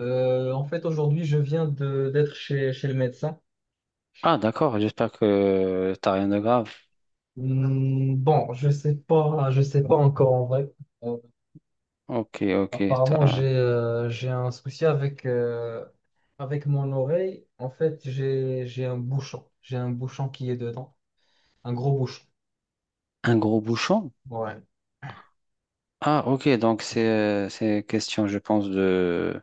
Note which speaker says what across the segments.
Speaker 1: En fait, aujourd'hui, je viens de d'être chez, chez le médecin.
Speaker 2: Ah, d'accord, j'espère que t'as rien de grave.
Speaker 1: Hmm, bon, je sais pas encore en vrai. Euh,
Speaker 2: Ok, ok,
Speaker 1: apparemment,
Speaker 2: t'as
Speaker 1: j'ai un souci avec avec mon oreille. En fait, j'ai un bouchon, j'ai un bouchon qui est dedans, un gros bouchon.
Speaker 2: un gros bouchon.
Speaker 1: Ouais.
Speaker 2: Ah, ok, donc c'est question, je pense, de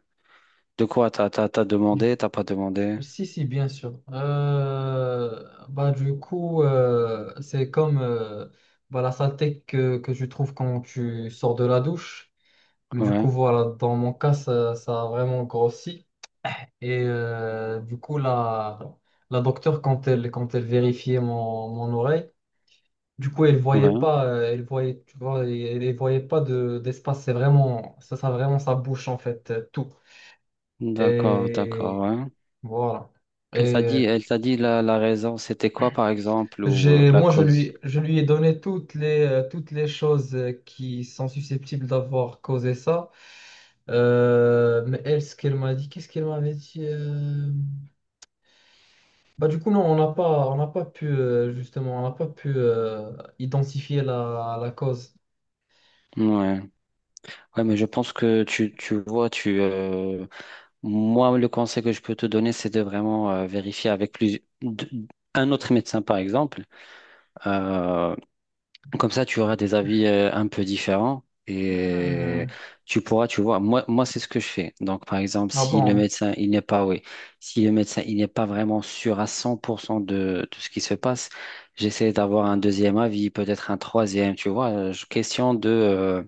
Speaker 2: t'as pas demandé.
Speaker 1: Si, si, bien sûr. Bah, du coup, c'est comme bah, la saleté que tu trouves quand tu sors de la douche. Mais du coup,
Speaker 2: Ouais,
Speaker 1: voilà, dans mon cas, ça a vraiment grossi. Et du coup, la docteure, quand elle vérifiait mon, mon oreille, du coup, elle voyait
Speaker 2: ouais.
Speaker 1: pas, elle voyait, tu vois, elle, elle voyait pas de, d'espace. C'est vraiment, ça vraiment sa bouche, en fait, tout.
Speaker 2: D'accord, d'accord,
Speaker 1: Et
Speaker 2: ouais.
Speaker 1: voilà. Et euh,
Speaker 2: Elle t'a dit la raison, c'était quoi, par exemple, ou
Speaker 1: j'ai,
Speaker 2: la
Speaker 1: moi,
Speaker 2: cause?
Speaker 1: je lui ai donné toutes les choses qui sont susceptibles d'avoir causé ça. Mais elle, ce qu'elle m'a dit, qu'est-ce qu'elle m'avait dit? Bah, du coup, non, on n'a pas pu, justement, on n'a pas pu identifier la, la cause.
Speaker 2: Ouais. Ouais, mais je pense que tu vois, moi, le conseil que je peux te donner, c'est de vraiment vérifier avec un autre médecin, par exemple. Euh, Comme ça, tu auras des avis un peu différents. Et
Speaker 1: Hmm.
Speaker 2: tu pourras, tu vois, moi c'est ce que je fais. Donc, par exemple,
Speaker 1: Ah
Speaker 2: si le
Speaker 1: bon.
Speaker 2: médecin, il n'est pas, oui, si le médecin, il n'est pas vraiment sûr à 100% de ce qui se passe, j'essaie d'avoir un deuxième avis, peut-être un troisième, tu vois, question de,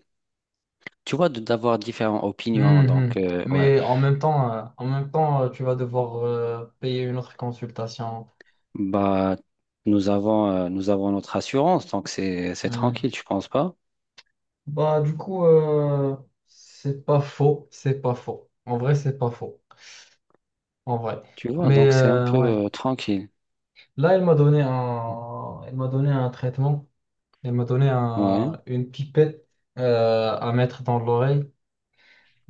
Speaker 2: tu vois, d'avoir différentes opinions. Donc,
Speaker 1: Mhm.
Speaker 2: ouais,
Speaker 1: Mais en même temps, tu vas devoir payer une autre consultation.
Speaker 2: bah, nous avons notre assurance, donc c'est
Speaker 1: Hmm.
Speaker 2: tranquille, tu penses pas?
Speaker 1: Bah, du coup, c'est pas faux, c'est pas faux. En vrai, c'est pas faux, en vrai.
Speaker 2: Tu vois,
Speaker 1: Mais
Speaker 2: donc c'est un peu
Speaker 1: ouais,
Speaker 2: tranquille.
Speaker 1: là, elle m'a donné un, elle m'a donné un traitement, elle m'a donné
Speaker 2: Ouais,
Speaker 1: un, une pipette à mettre dans l'oreille.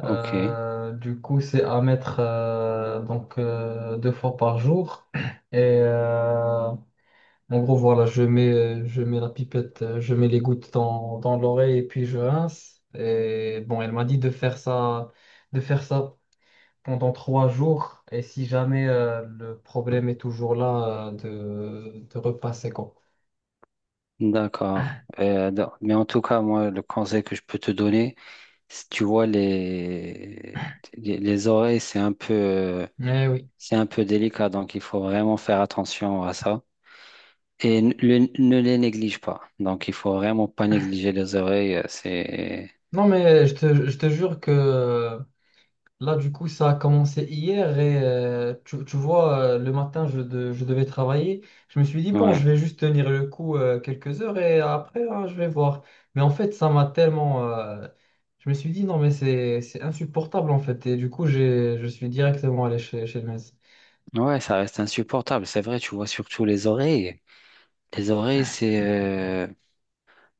Speaker 2: ok.
Speaker 1: Du coup, c'est à mettre donc deux fois par jour. Et en gros, voilà, je mets la pipette, je mets les gouttes dans, dans l'oreille et puis je rince. Et bon, elle m'a dit de faire ça pendant trois jours. Et si jamais le problème est toujours là, de repasser quoi.
Speaker 2: D'accord. Non, mais en tout cas, moi, le conseil que je peux te donner, si tu vois les oreilles,
Speaker 1: Eh oui.
Speaker 2: c'est un peu délicat, donc il faut vraiment faire attention à ça. Et ne les néglige pas. Donc il faut vraiment pas négliger les oreilles. C'est,
Speaker 1: Non, mais je te jure que là, du coup, ça a commencé hier et tu, tu vois, le matin, je, je devais travailler. Je me suis dit, bon,
Speaker 2: ouais,
Speaker 1: je vais juste tenir le coup quelques heures et après, hein, je vais voir. Mais en fait, ça m'a tellement... je me suis dit, non, mais c'est insupportable, en fait. Et du coup, j'ai, je suis directement allé chez, chez le médecin.
Speaker 2: ouais, ça reste insupportable. C'est vrai, tu vois surtout les oreilles. Les oreilles, c'est,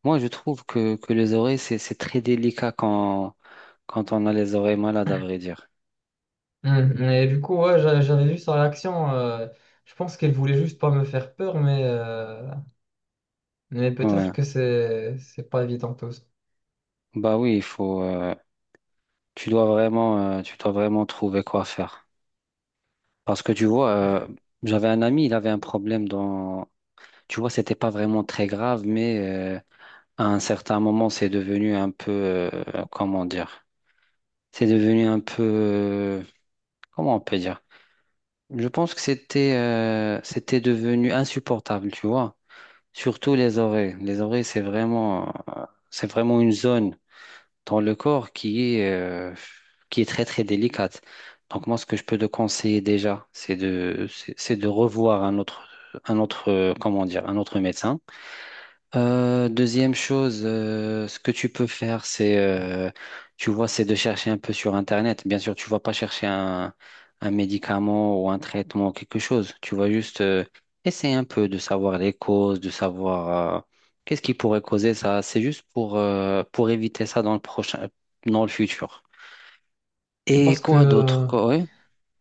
Speaker 2: moi, je trouve que les oreilles, c'est très délicat quand, quand on a les oreilles malades, à vrai dire.
Speaker 1: Hum. Et du coup, ouais, j'avais vu sa réaction. Je pense qu'elle voulait juste pas me faire peur, mais peut-être
Speaker 2: Ouais.
Speaker 1: que c'est pas évident tout ça.
Speaker 2: Bah oui, il faut, tu dois vraiment trouver quoi faire. Parce que tu vois, j'avais un ami, il avait un problème dans, tu vois, c'était pas vraiment très grave, mais à un certain moment, c'est devenu un peu, comment dire, c'est devenu un peu, comment on peut dire? Je pense que c'était, c'était devenu insupportable, tu vois. Surtout les oreilles. Les oreilles, euh, c'est vraiment une zone dans le corps qui est très très délicate. Donc moi, ce que je peux te conseiller déjà, c'est de revoir un autre, comment dire, un autre médecin. Deuxième chose, ce que tu peux faire, c'est, tu vois, c'est de chercher un peu sur Internet. Bien sûr, tu vas pas chercher un médicament ou un traitement, quelque chose. Tu vas juste essayer un peu de savoir les causes, de savoir qu'est-ce qui pourrait causer ça. C'est juste pour éviter ça dans le prochain, dans le futur. Et
Speaker 1: Parce
Speaker 2: quoi d'autre?
Speaker 1: que...
Speaker 2: Quoi, ouais.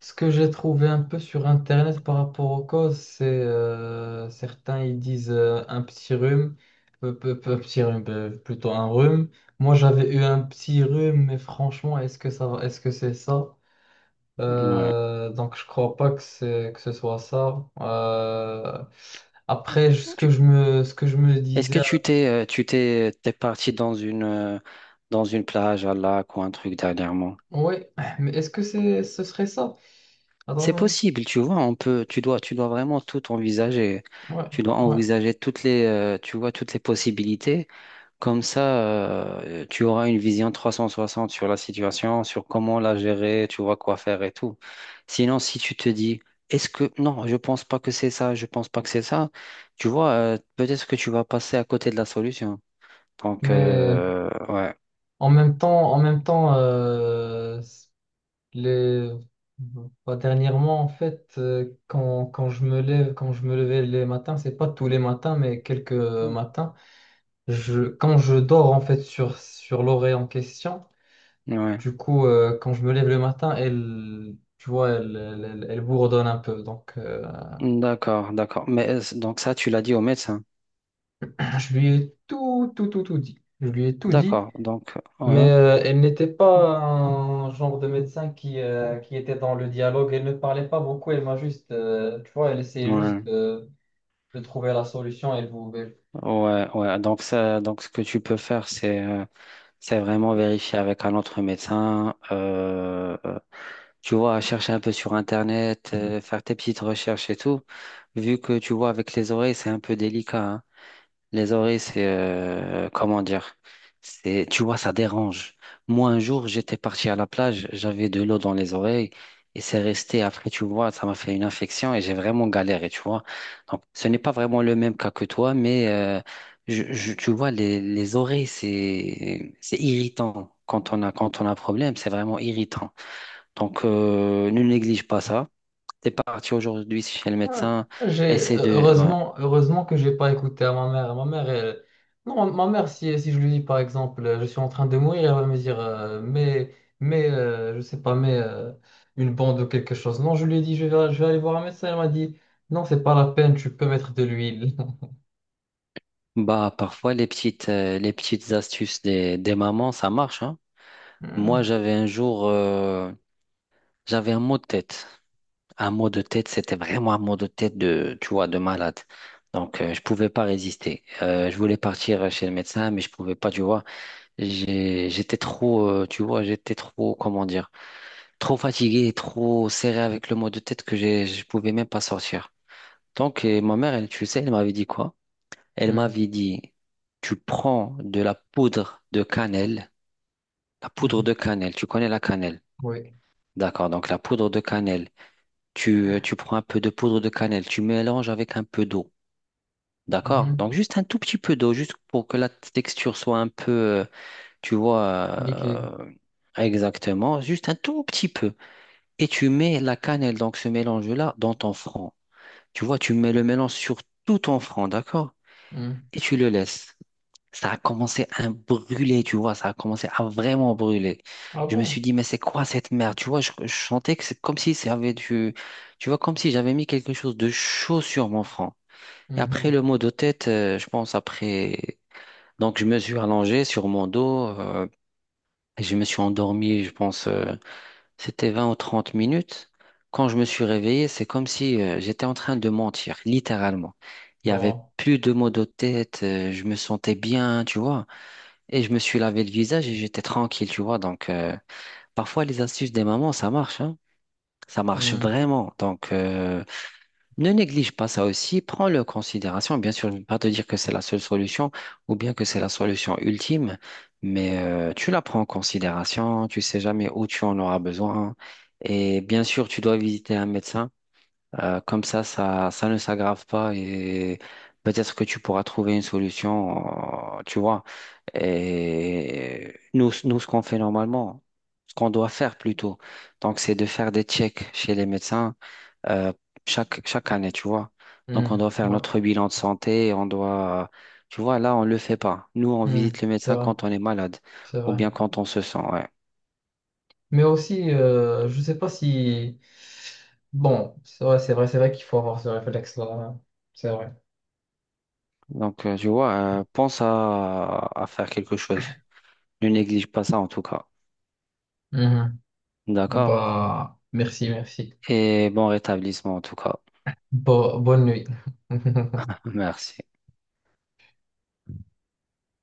Speaker 1: ce que j'ai trouvé un peu sur Internet par rapport aux causes, c'est certains ils disent un petit rhume, petit rhume, plutôt un rhume. Moi j'avais eu un petit rhume, mais franchement, est-ce que ça, est-ce que c'est ça?
Speaker 2: Ouais.
Speaker 1: Donc je crois pas que c'est que ce soit ça. Après, ce
Speaker 2: Tu-
Speaker 1: que je me, ce que je me
Speaker 2: Est-ce
Speaker 1: disais,
Speaker 2: que t'es parti dans une plage à lac ou un truc dernièrement?
Speaker 1: oui, mais est-ce que c'est, ce serait ça? Attends,
Speaker 2: C'est
Speaker 1: Marie.
Speaker 2: possible, tu vois, on peut, tu dois vraiment tout envisager.
Speaker 1: Ouais,
Speaker 2: Tu dois
Speaker 1: ouais.
Speaker 2: envisager toutes les, tu vois, toutes les possibilités. Comme ça, tu auras une vision 360 sur la situation, sur comment la gérer, tu vois quoi faire et tout. Sinon, si tu te dis, est-ce que, non, je pense pas que c'est ça, je pense pas que c'est ça, tu vois, peut-être que tu vas passer à côté de la solution. Donc,
Speaker 1: Mais
Speaker 2: ouais.
Speaker 1: en même temps, les... bah, dernièrement, en fait, quand, quand je me lève, quand je me levais les matins, c'est pas tous les matins, mais quelques matins, je, quand je dors en fait sur, sur l'oreille en question,
Speaker 2: Mm. Ouais,
Speaker 1: du coup, quand je me lève le matin, elle, tu vois, elle, elle, elle bourdonne un peu. Donc,
Speaker 2: d'accord, d'accord. Mais donc ça, tu l'as dit au médecin.
Speaker 1: je lui ai tout, tout, tout, tout dit. Je lui ai tout dit,
Speaker 2: D'accord, donc, ouais.
Speaker 1: mais elle n'était pas un genre de médecin qui était dans le dialogue. Elle ne parlait pas beaucoup, elle m'a juste, tu vois, elle essayait juste
Speaker 2: Ouais,
Speaker 1: de trouver la solution et vous. Et-
Speaker 2: ouais, ouais. Donc ça, donc ce que tu peux faire, c'est vraiment vérifier avec un autre médecin. Tu vois, chercher un peu sur Internet, faire tes petites recherches et tout. Vu que tu vois avec les oreilles, c'est un peu délicat, hein. Les oreilles, c'est comment dire? C'est, tu vois, ça dérange. Moi, un jour, j'étais parti à la plage, j'avais de l'eau dans les oreilles et c'est resté. Après, tu vois, ça m'a fait une infection et j'ai vraiment galéré, tu vois. Donc, ce n'est pas vraiment le même cas que toi, mais tu vois, les oreilles, c'est irritant. Quand on a un problème, c'est vraiment irritant. Donc, ne néglige pas ça. T'es parti aujourd'hui chez le
Speaker 1: Ouais.
Speaker 2: médecin,
Speaker 1: J'ai
Speaker 2: essaie de. Ouais.
Speaker 1: heureusement que j'ai pas écouté à ma mère. Ma mère elle- non ma mère si, si je lui dis par exemple je suis en train de mourir elle va me dire mais mais je sais pas mais une bande ou quelque chose. Non je lui ai dit je vais aller voir un médecin elle m'a dit non c'est pas la peine tu peux mettre de l'huile.
Speaker 2: Bah, parfois, les petites astuces des mamans, ça marche, hein. Moi,
Speaker 1: Mhm,
Speaker 2: j'avais un jour, j'avais un mot de tête. Un mot de tête, c'était vraiment un mot de tête de, tu vois, de malade. Donc, je pouvais pas résister. Je voulais partir chez le médecin, mais je pouvais pas, tu vois. J'étais trop, tu vois, j'étais trop, comment dire, trop fatigué, trop serré avec le mot de tête que j'ai, je pouvais même pas sortir. Donc, et ma mère, elle, tu sais, elle m'avait dit quoi? Elle
Speaker 1: mhm,
Speaker 2: m'avait dit, tu prends de la poudre de cannelle, la poudre
Speaker 1: mhm.
Speaker 2: de cannelle, tu connais la cannelle.
Speaker 1: Oui.
Speaker 2: D'accord, donc la poudre de cannelle, tu prends un peu de poudre de cannelle, tu mélanges avec un peu d'eau. D'accord?
Speaker 1: Mhm.
Speaker 2: Donc juste un tout petit peu d'eau, juste pour que la texture soit un peu, tu
Speaker 1: Liquide.
Speaker 2: vois, exactement, juste un tout petit peu. Et tu mets la cannelle, donc ce mélange-là, dans ton front. Tu vois, tu mets le mélange sur tout ton front, d'accord?
Speaker 1: Mhm.
Speaker 2: Et tu le laisses. Ça a commencé à brûler, tu vois, ça a commencé à vraiment brûler.
Speaker 1: Ah
Speaker 2: Je me suis
Speaker 1: bon?
Speaker 2: dit, mais c'est quoi cette merde? Tu vois, je sentais que c'est comme si j'avais du, tu vois, comme si j'avais mis quelque chose de chaud sur mon front. Et après
Speaker 1: Mhm.
Speaker 2: le mot de tête, je pense après, donc je me suis allongé sur mon dos, et je me suis endormi, je pense, c'était 20 ou 30 minutes. Quand je me suis réveillé, c'est comme si, j'étais en train de mentir, littéralement. Il y avait
Speaker 1: Oh.
Speaker 2: plus de maux de tête, je me sentais bien, tu vois. Et je me suis lavé le visage et j'étais tranquille, tu vois. Donc, parfois, les astuces des mamans, ça marche, hein. Ça marche
Speaker 1: Mhm,
Speaker 2: vraiment. Donc, ne néglige pas ça aussi. Prends-le en considération. Bien sûr, je ne vais pas te dire que c'est la seule solution ou bien que c'est la solution ultime, mais tu la prends en considération. Tu sais jamais où tu en auras besoin. Et bien sûr, tu dois visiter un médecin comme ça, ça ne s'aggrave pas et peut-être que tu pourras trouver une solution, tu vois. Et nous, ce qu'on fait normalement, ce qu'on doit faire plutôt, donc c'est de faire des checks chez les médecins euh, chaque, chaque année, tu vois. Donc on
Speaker 1: mhm.
Speaker 2: doit faire
Speaker 1: Ouais.
Speaker 2: notre bilan de santé, on doit, tu vois, là, on ne le fait pas. Nous, on
Speaker 1: Mhm.
Speaker 2: visite le
Speaker 1: C'est
Speaker 2: médecin
Speaker 1: vrai,
Speaker 2: quand on est malade
Speaker 1: c'est
Speaker 2: ou
Speaker 1: vrai.
Speaker 2: bien quand on se sent, ouais.
Speaker 1: Mais aussi, je sais pas si... bon, c'est vrai, c'est vrai, c'est vrai qu'il faut avoir ce réflexe-là, hein. C'est vrai.
Speaker 2: Donc, tu vois, pense à faire quelque chose. Ne néglige pas ça en tout cas.
Speaker 1: Mhm. Bon,
Speaker 2: D'accord.
Speaker 1: bah, merci, merci.
Speaker 2: Et bon rétablissement en tout cas.
Speaker 1: Bonne nuit.
Speaker 2: Merci.